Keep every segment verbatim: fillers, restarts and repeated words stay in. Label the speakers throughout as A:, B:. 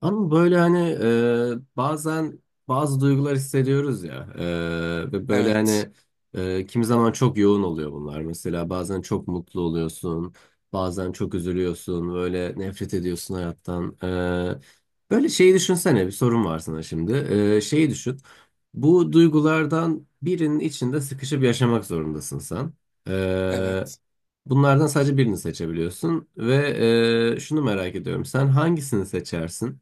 A: Ama böyle hani e, bazen bazı duygular hissediyoruz ya e, ve böyle
B: Evet.
A: hani e, kimi zaman çok yoğun oluyor bunlar. Mesela bazen çok mutlu oluyorsun, bazen çok üzülüyorsun, böyle nefret ediyorsun hayattan. E, böyle şeyi düşünsene bir sorun var sana şimdi. E, şeyi düşün. Bu duygulardan birinin içinde sıkışıp yaşamak zorundasın sen. E,
B: Evet.
A: Bunlardan sadece birini seçebiliyorsun ve e, şunu merak ediyorum. Sen hangisini seçersin?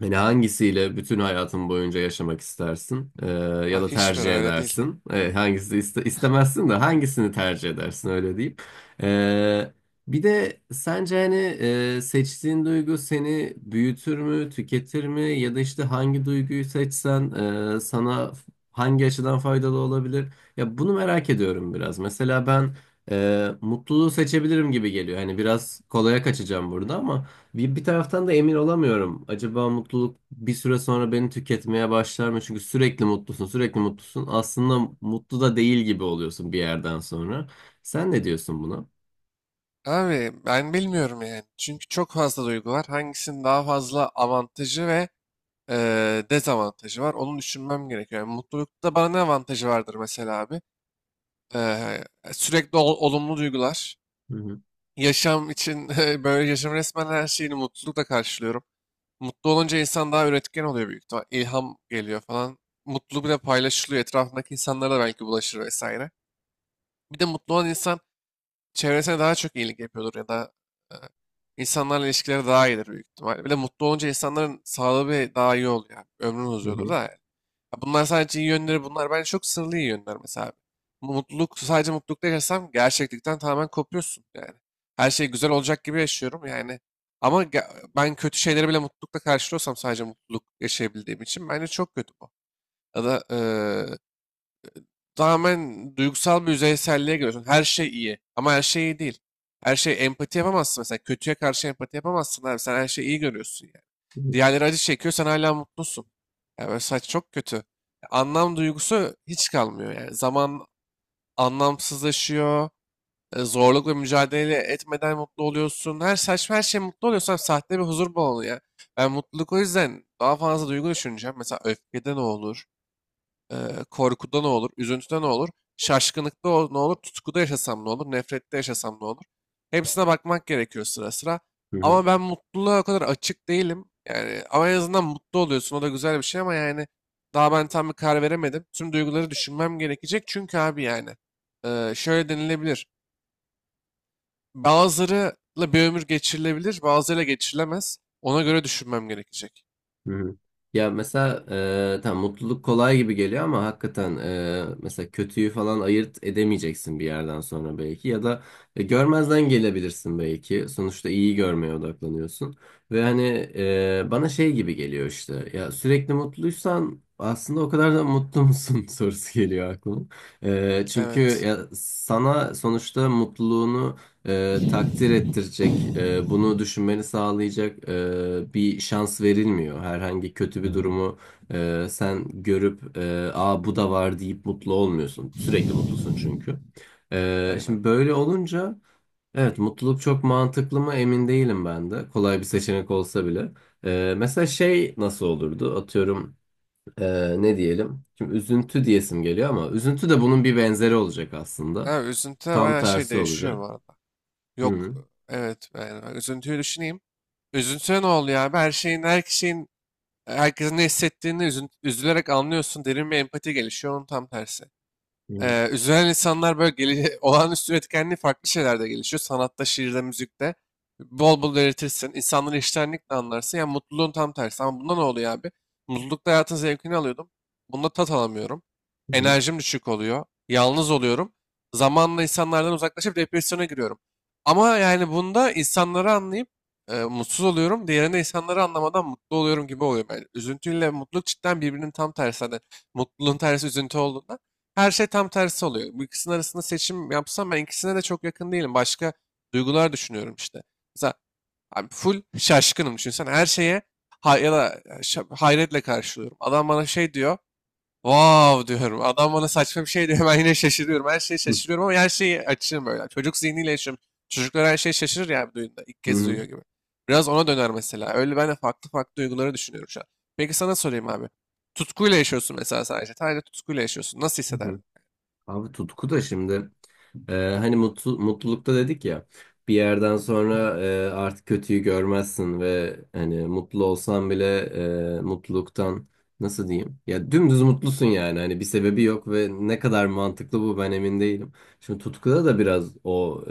A: Yani hangisiyle bütün hayatın boyunca yaşamak istersin Ee, ya
B: Ha,
A: da
B: hiçbir
A: tercih
B: öyle değil.
A: edersin? Ee, hangisi iste- istemezsin de hangisini tercih edersin öyle diyeyim. Ee, Bir de sence hani e, seçtiğin duygu seni büyütür mü, tüketir mi? Ya da işte hangi duyguyu seçsen e, sana f- hangi açıdan faydalı olabilir? Ya bunu merak ediyorum biraz. Mesela ben e, mutluluğu seçebilirim gibi geliyor. Hani biraz kolaya kaçacağım burada ama. Bir, bir taraftan da emin olamıyorum. Acaba mutluluk bir süre sonra beni tüketmeye başlar mı? Çünkü sürekli mutlusun, sürekli mutlusun. Aslında mutlu da değil gibi oluyorsun bir yerden sonra. Sen ne diyorsun buna?
B: Abi ben bilmiyorum yani. Çünkü çok fazla duygu var. Hangisinin daha fazla avantajı ve e, dezavantajı var. Onu düşünmem gerekiyor. Yani mutlulukta bana ne avantajı vardır mesela abi? E, sürekli ol- olumlu duygular.
A: Hı hı.
B: Yaşam için böyle yaşam resmen her şeyini mutlulukla karşılıyorum. Mutlu olunca insan daha üretken oluyor büyük ihtimal. İlham geliyor falan. Mutluluk bile paylaşılıyor. Etrafındaki insanlara da belki bulaşır vesaire. Bir de mutlu olan insan çevresine daha çok iyilik yapıyordur ya da e, insanlarla ilişkileri daha iyidir büyük ihtimalle. Bir de mutlu olunca insanların sağlığı bir daha iyi oluyor. Yani. Ömrün
A: Hı
B: uzuyordur
A: hı.
B: da. Yani. Ya, bunlar sadece iyi yönleri bunlar. Bence çok sınırlı iyi yönler mesela. Bu mutluluk, sadece mutlulukta yaşasam gerçeklikten tamamen kopuyorsun yani. Her şey güzel olacak gibi yaşıyorum yani. Ama ge- ben kötü şeyleri bile mutlulukla karşılıyorsam sadece mutluluk yaşayabildiğim için bence çok kötü bu. Ya da tamamen duygusal bir yüzeyselliğe giriyorsun. Her şey iyi ama her şey iyi değil. Her şey empati yapamazsın mesela. Kötüye karşı empati yapamazsın abi. Sen her şeyi iyi görüyorsun yani. Diğerleri acı çekiyor, sen hala mutlusun. Yani böyle saç çok kötü. Anlam duygusu hiç kalmıyor yani. Zaman anlamsızlaşıyor. E, Zorluk ve mücadele etmeden mutlu oluyorsun. Her saçma her şey mutlu oluyorsan sahte bir huzur balonu ya. Ben mutluluk o yüzden daha fazla duygu düşüneceğim. Mesela öfkede ne olur? Eee, korkuda ne olur, üzüntüde ne olur, şaşkınlıkta o- ne olur, tutkuda yaşasam ne olur, nefrette yaşasam ne olur. Hepsine bakmak gerekiyor sıra sıra.
A: Hı hı.
B: Ama ben mutluluğa o kadar açık değilim. Yani ama en azından mutlu oluyorsun. O da güzel bir şey ama yani daha ben tam bir karar veremedim. Tüm duyguları düşünmem gerekecek. Çünkü abi yani eee, şöyle denilebilir. Bazılarıyla bir ömür geçirilebilir, bazılarıyla geçirilemez. Ona göre düşünmem gerekecek.
A: Hı hı. Ya mesela e, tam mutluluk kolay gibi geliyor ama hakikaten e, mesela kötüyü falan ayırt edemeyeceksin bir yerden sonra belki ya da e, görmezden gelebilirsin belki. Sonuçta iyi görmeye odaklanıyorsun ve hani e, bana şey gibi geliyor işte ya sürekli mutluysan aslında o kadar da mutlu musun sorusu geliyor aklıma. E, çünkü
B: Evet,
A: ya sana sonuçta mutluluğunu e, takdir ettirecek, e, bunu düşünmeni sağlayacak e, bir şans verilmiyor. Herhangi kötü bir durumu e, sen görüp e, "Aa bu da var" deyip mutlu olmuyorsun. Sürekli mutlusun çünkü. E,
B: aynen.
A: şimdi böyle olunca evet mutluluk çok mantıklı mı emin değilim ben de. Kolay bir seçenek olsa bile. E, mesela şey nasıl olurdu? Atıyorum e, ne diyelim? Şimdi üzüntü diyesim geliyor ama üzüntü de bunun bir benzeri olacak aslında.
B: Ha, üzüntüde
A: Tam
B: bayağı şey
A: tersi
B: değişiyor bu
A: olacak.
B: arada. Yok,
A: Hı
B: evet yani üzüntüyü düşüneyim. Üzüntüne ne oluyor abi? Her şeyin, her kişinin, herkesin ne hissettiğini üzün- üzülerek anlıyorsun. Derin bir empati gelişiyor. Onun tam tersi.
A: hı.
B: Ee, üzülen insanlar böyle geli olağanüstü üretkenliği farklı şeylerde gelişiyor. Sanatta, şiirde, müzikte. Bol bol üretirsin. İnsanları iştenlikle anlarsın. Yani mutluluğun tam tersi. Ama bunda ne oluyor abi? Mutlulukta hayatın zevkini alıyordum. Bunda tat alamıyorum.
A: Hı hı.
B: Enerjim düşük oluyor. Yalnız oluyorum. Zamanla insanlardan uzaklaşıp depresyona giriyorum. Ama yani bunda insanları anlayıp e, mutsuz oluyorum. Diğerinde insanları anlamadan mutlu oluyorum gibi oluyor. Yani üzüntüyle mutluluk cidden birbirinin tam tersi. Hani mutluluğun tersi üzüntü olduğunda her şey tam tersi oluyor. Bu ikisinin arasında seçim yapsam ben ikisine de çok yakın değilim. Başka duygular düşünüyorum işte. Mesela abi full şaşkınım düşünsene. Her şeye hay ya da e, şa- hayretle karşılıyorum. Adam bana şey diyor. Wow diyorum. Adam bana saçma bir şey diyor. Ben yine şaşırıyorum. Her şeye
A: Hı
B: şaşırıyorum ama her şeyi açığım böyle. Çocuk zihniyle yaşıyorum. Çocuklar her şeye şaşırır ya bir duyunda. İlk kez
A: hı.
B: duyuyor gibi. Biraz ona döner mesela. Öyle ben de farklı farklı duyguları düşünüyorum şu an. Peki sana sorayım abi. Tutkuyla yaşıyorsun mesela sadece. Sadece tutkuyla yaşıyorsun. Nasıl
A: Hı
B: hisseder?
A: hı. Abi tutku da şimdi e, hani mutlu, mutlulukta dedik ya bir yerden sonra e, artık kötüyü görmezsin ve hani mutlu olsan bile e, mutluluktan nasıl diyeyim ya dümdüz mutlusun yani hani bir sebebi yok ve ne kadar mantıklı bu ben emin değilim. Şimdi tutkuda da biraz o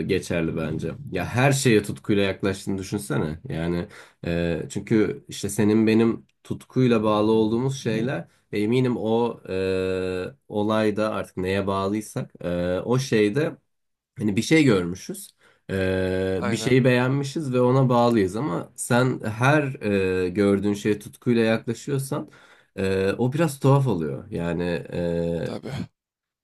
A: e, geçerli bence. Ya her şeye tutkuyla yaklaştığını düşünsene yani e, çünkü işte senin benim tutkuyla bağlı olduğumuz şeyler. Eminim o e, olayda artık neye bağlıysak e, o şeyde hani bir şey görmüşüz. E, bir
B: Aynen.
A: şeyi beğenmişiz ve ona bağlıyız ama sen her e, gördüğün şeye tutkuyla yaklaşıyorsan e, o biraz tuhaf oluyor. Yani e,
B: Tabii.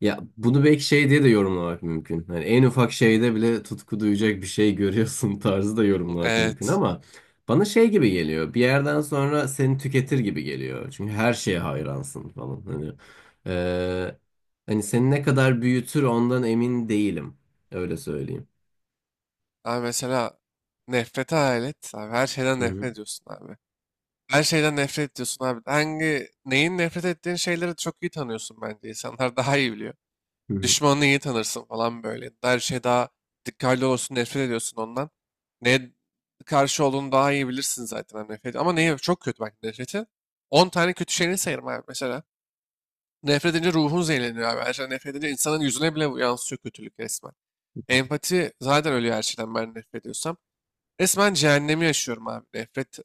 A: ya bunu belki şey diye de yorumlamak mümkün. Hani en ufak şeyde bile tutku duyacak bir şey görüyorsun tarzı da yorumlamak mümkün
B: Evet.
A: ama bana şey gibi geliyor. Bir yerden sonra seni tüketir gibi geliyor. Çünkü her şeye hayransın falan. Hani eee, hani seni ne kadar büyütür ondan emin değilim. Öyle söyleyeyim.
B: Abi mesela nefrete alet. Abi her şeyden
A: Hı hı.
B: nefret ediyorsun abi. Her şeyden nefret ediyorsun abi. Hangi, neyin nefret ettiğin şeyleri çok iyi tanıyorsun bence. İnsanlar daha iyi biliyor.
A: Hı
B: Düşmanını iyi tanırsın falan böyle. Her şey daha dikkatli olursun, nefret ediyorsun ondan. Neye karşı olduğunu daha iyi bilirsin zaten abi nefret. Ama neye çok kötü bak nefreti. On tane kötü şeyini sayarım abi mesela. Nefret edince ruhun zehirleniyor abi. Her şeyden nefret edince insanın yüzüne bile yansıyor kötülük resmen.
A: hı.
B: Empati zaten ölüyor her şeyden ben nefret ediyorsam. Resmen cehennemi yaşıyorum abi. Nefret.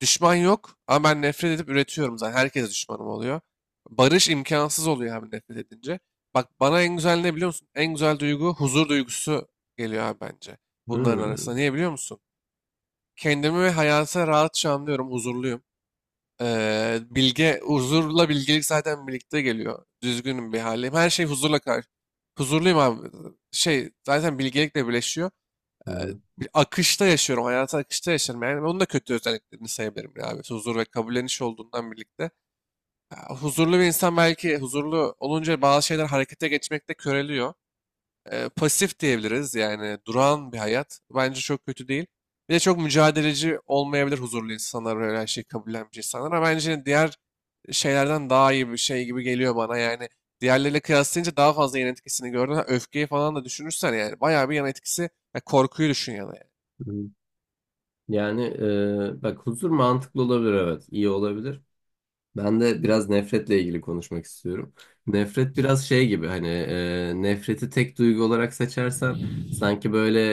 B: Düşman yok ama ben nefret edip üretiyorum zaten. Herkes düşmanım oluyor. Barış imkansız oluyor abi nefret edince. Bak bana en güzel ne biliyor musun? En güzel duygu huzur duygusu geliyor abi bence.
A: Hı
B: Bunların arasında. Niye biliyor musun? Kendimi ve hayata rahatça anlıyorum. Huzurluyum. Ee, bilge, huzurla bilgelik zaten birlikte geliyor. Düzgünüm bir halim. Her şey huzurla karşı. Huzurluyum abi. Şey zaten bilgelikle birleşiyor, e,
A: hı.
B: bir akışta yaşıyorum. Hayatı akışta yaşarım. Yani onun da kötü özelliklerini sayabilirim ya abi. Huzur ve kabulleniş olduğundan birlikte. Ya, huzurlu bir insan belki huzurlu olunca bazı şeyler harekete geçmekte köreliyor. E, pasif diyebiliriz yani duran bir hayat. Bence çok kötü değil. Bir de çok mücadeleci olmayabilir huzurlu insanlar böyle her şeyi kabullenmiş insanlar. Ama bence diğer şeylerden daha iyi bir şey gibi geliyor bana yani. Diğerleriyle kıyaslayınca daha fazla yan etkisini gördün. Ha, öfkeyi falan da düşünürsen yani bayağı bir yan etkisi. Ya korkuyu düşün ya da yani.
A: Hı hı. Yani eee, bak huzur mantıklı olabilir evet. İyi olabilir. Ben de biraz nefretle ilgili konuşmak istiyorum. Nefret biraz şey gibi hani e, nefreti tek duygu olarak seçersen sanki böyle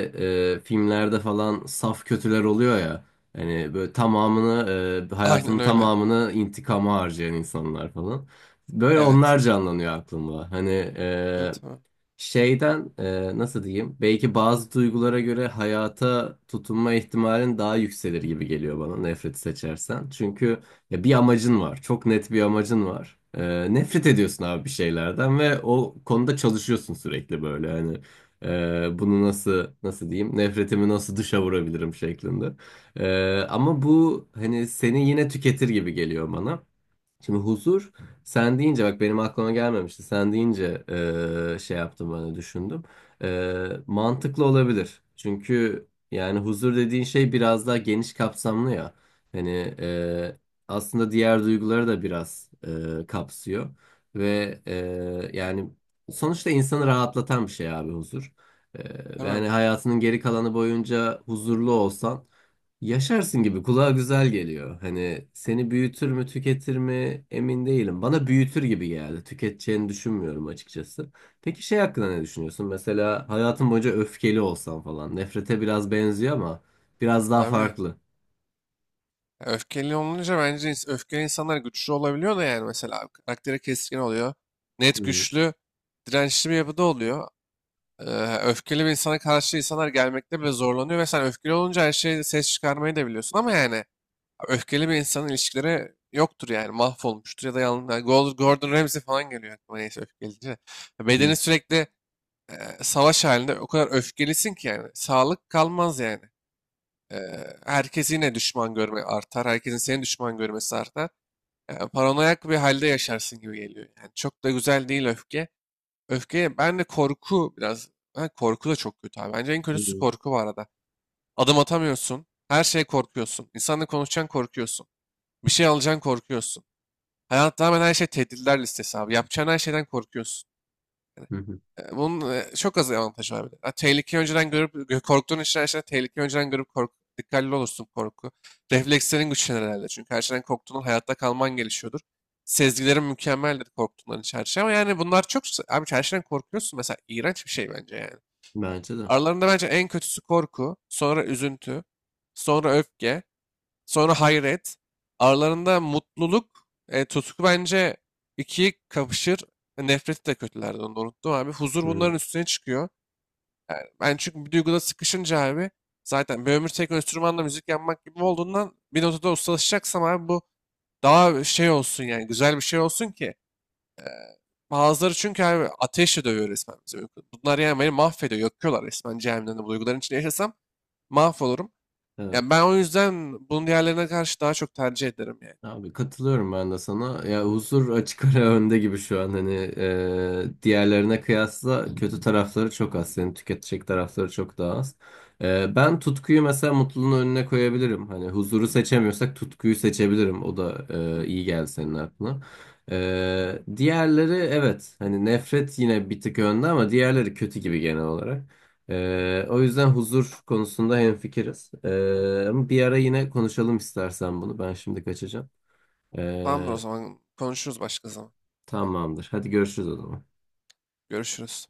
A: e, filmlerde falan saf kötüler oluyor ya. Hani böyle tamamını e,
B: Aynen
A: hayatının
B: öyle.
A: tamamını intikama harcayan insanlar falan. Böyle
B: Evet.
A: onlar canlanıyor aklımda. Hani
B: Tabii, tabii.
A: şeyden e, nasıl diyeyim? Belki bazı duygulara göre hayata tutunma ihtimalin daha yükselir gibi geliyor bana nefreti seçersen. Çünkü ya bir amacın var. Çok net bir amacın var. E, nefret ediyorsun abi bir şeylerden ve o konuda çalışıyorsun sürekli böyle. Hani e, bunu nasıl nasıl diyeyim? Nefretimi nasıl dışa vurabilirim şeklinde. E, ama bu hani seni yine tüketir gibi geliyor bana. Şimdi huzur sen deyince bak benim aklıma gelmemişti. Sen deyince eee, şey yaptım ben de düşündüm. Eee, mantıklı olabilir. Çünkü yani huzur dediğin şey biraz daha geniş kapsamlı ya. Hani eee, aslında diğer duyguları da biraz eee, kapsıyor. Ve eee, yani sonuçta insanı rahatlatan bir şey abi huzur. Eee,
B: Değil mi?
A: yani hayatının geri kalanı boyunca huzurlu olsan yaşarsın gibi kulağa güzel geliyor. Hani seni büyütür mü tüketir mi emin değilim. Bana büyütür gibi geldi. Tüketeceğini düşünmüyorum açıkçası. Peki şey hakkında ne düşünüyorsun? Mesela hayatın boyunca öfkeli olsan falan. Nefrete biraz benziyor ama biraz daha
B: Abi.
A: farklı.
B: ya öfkeli olunca bence ins- öfkeli insanlar güçlü olabiliyor da yani mesela karakteri keskin oluyor.
A: Hı
B: Net
A: hı
B: güçlü, dirençli bir yapıda oluyor. Ee, Öfkeli bir insana karşı insanlar gelmekte bile zorlanıyor ve sen öfkeli olunca her şeyi ses çıkarmayı da biliyorsun ama yani öfkeli bir insanın ilişkileri yoktur yani mahvolmuştur ya da yanında Gordon Ramsay falan geliyor aklıma neyse öfkeli deyince.
A: hı.
B: Bedeni sürekli e, savaş halinde o kadar öfkelisin ki yani sağlık kalmaz yani. Eee, herkes yine düşman görme artar. Herkesin seni düşman görmesi artar. Yani paranoyak bir halde yaşarsın gibi geliyor. Yani çok da güzel değil öfke. Öfke, ben de korku biraz. Ha, korku da çok kötü abi. Bence en kötüsü
A: Hı.
B: korku bu arada. Adım atamıyorsun. Her şeye korkuyorsun. İnsanla konuşacaksın korkuyorsun. Bir şey alacaksın korkuyorsun. Hayat tamamen her şey tehditler listesi abi. Yapacağın her şeyden korkuyorsun.
A: Hı hı.
B: E, Bunun e, çok az avantajı var bir de. Ha, tehlikeyi önceden görüp, gö- korktuğun için her şeyden tehlikeyi önceden görüp kork, dikkatli olursun korku. Reflekslerin güçlenir herhalde. Çünkü her şeyden korktuğundan hayatta kalman gelişiyordur. Sezgilerin mükemmeldir korktuğundan hiç her şey. Ama yani bunlar çok... s- Abi her şeyden korkuyorsun. Mesela iğrenç bir şey bence yani.
A: Bence de.
B: Aralarında bence en kötüsü korku. Sonra üzüntü. Sonra öfke. Sonra hayret. Aralarında mutluluk, e, tutku bence ikiyi kapışır. E, Nefreti de kötülerden onu da unuttum abi. Huzur
A: Hı.
B: bunların üstüne çıkıyor. Ben çünkü bir duyguda sıkışınca abi zaten bir ömür tek enstrümanla müzik yapmak gibi olduğundan bir notada ustalaşacaksam abi bu daha şey olsun yani güzel bir şey olsun ki. Bazıları çünkü abi ateşle dövüyor resmen bizi. Uyku. Bunlar yani beni mahvediyor, yakıyorlar resmen cehennemde. Bu duyguların içinde yaşasam mahvolurum. Yani
A: Evet.
B: ben o yüzden bunun diğerlerine karşı daha çok tercih ederim yani.
A: Abi katılıyorum ben de sana. Ya huzur açık ara önde gibi şu an hani e, diğerlerine kıyasla kötü tarafları çok az. Senin tüketecek tarafları çok daha az. E, ben tutkuyu mesela mutluluğun önüne koyabilirim. Hani huzuru seçemiyorsak tutkuyu seçebilirim. O da e, iyi geldi senin aklına. E, diğerleri evet hani nefret yine bir tık önde ama diğerleri kötü gibi genel olarak. E, o yüzden huzur konusunda hemfikiriz. E, ama bir ara yine konuşalım istersen bunu. Ben şimdi kaçacağım.
B: Tamamdır o
A: Ee,
B: zaman. Konuşuruz başka zaman.
A: Tamamdır. Hadi görüşürüz o zaman.
B: Görüşürüz.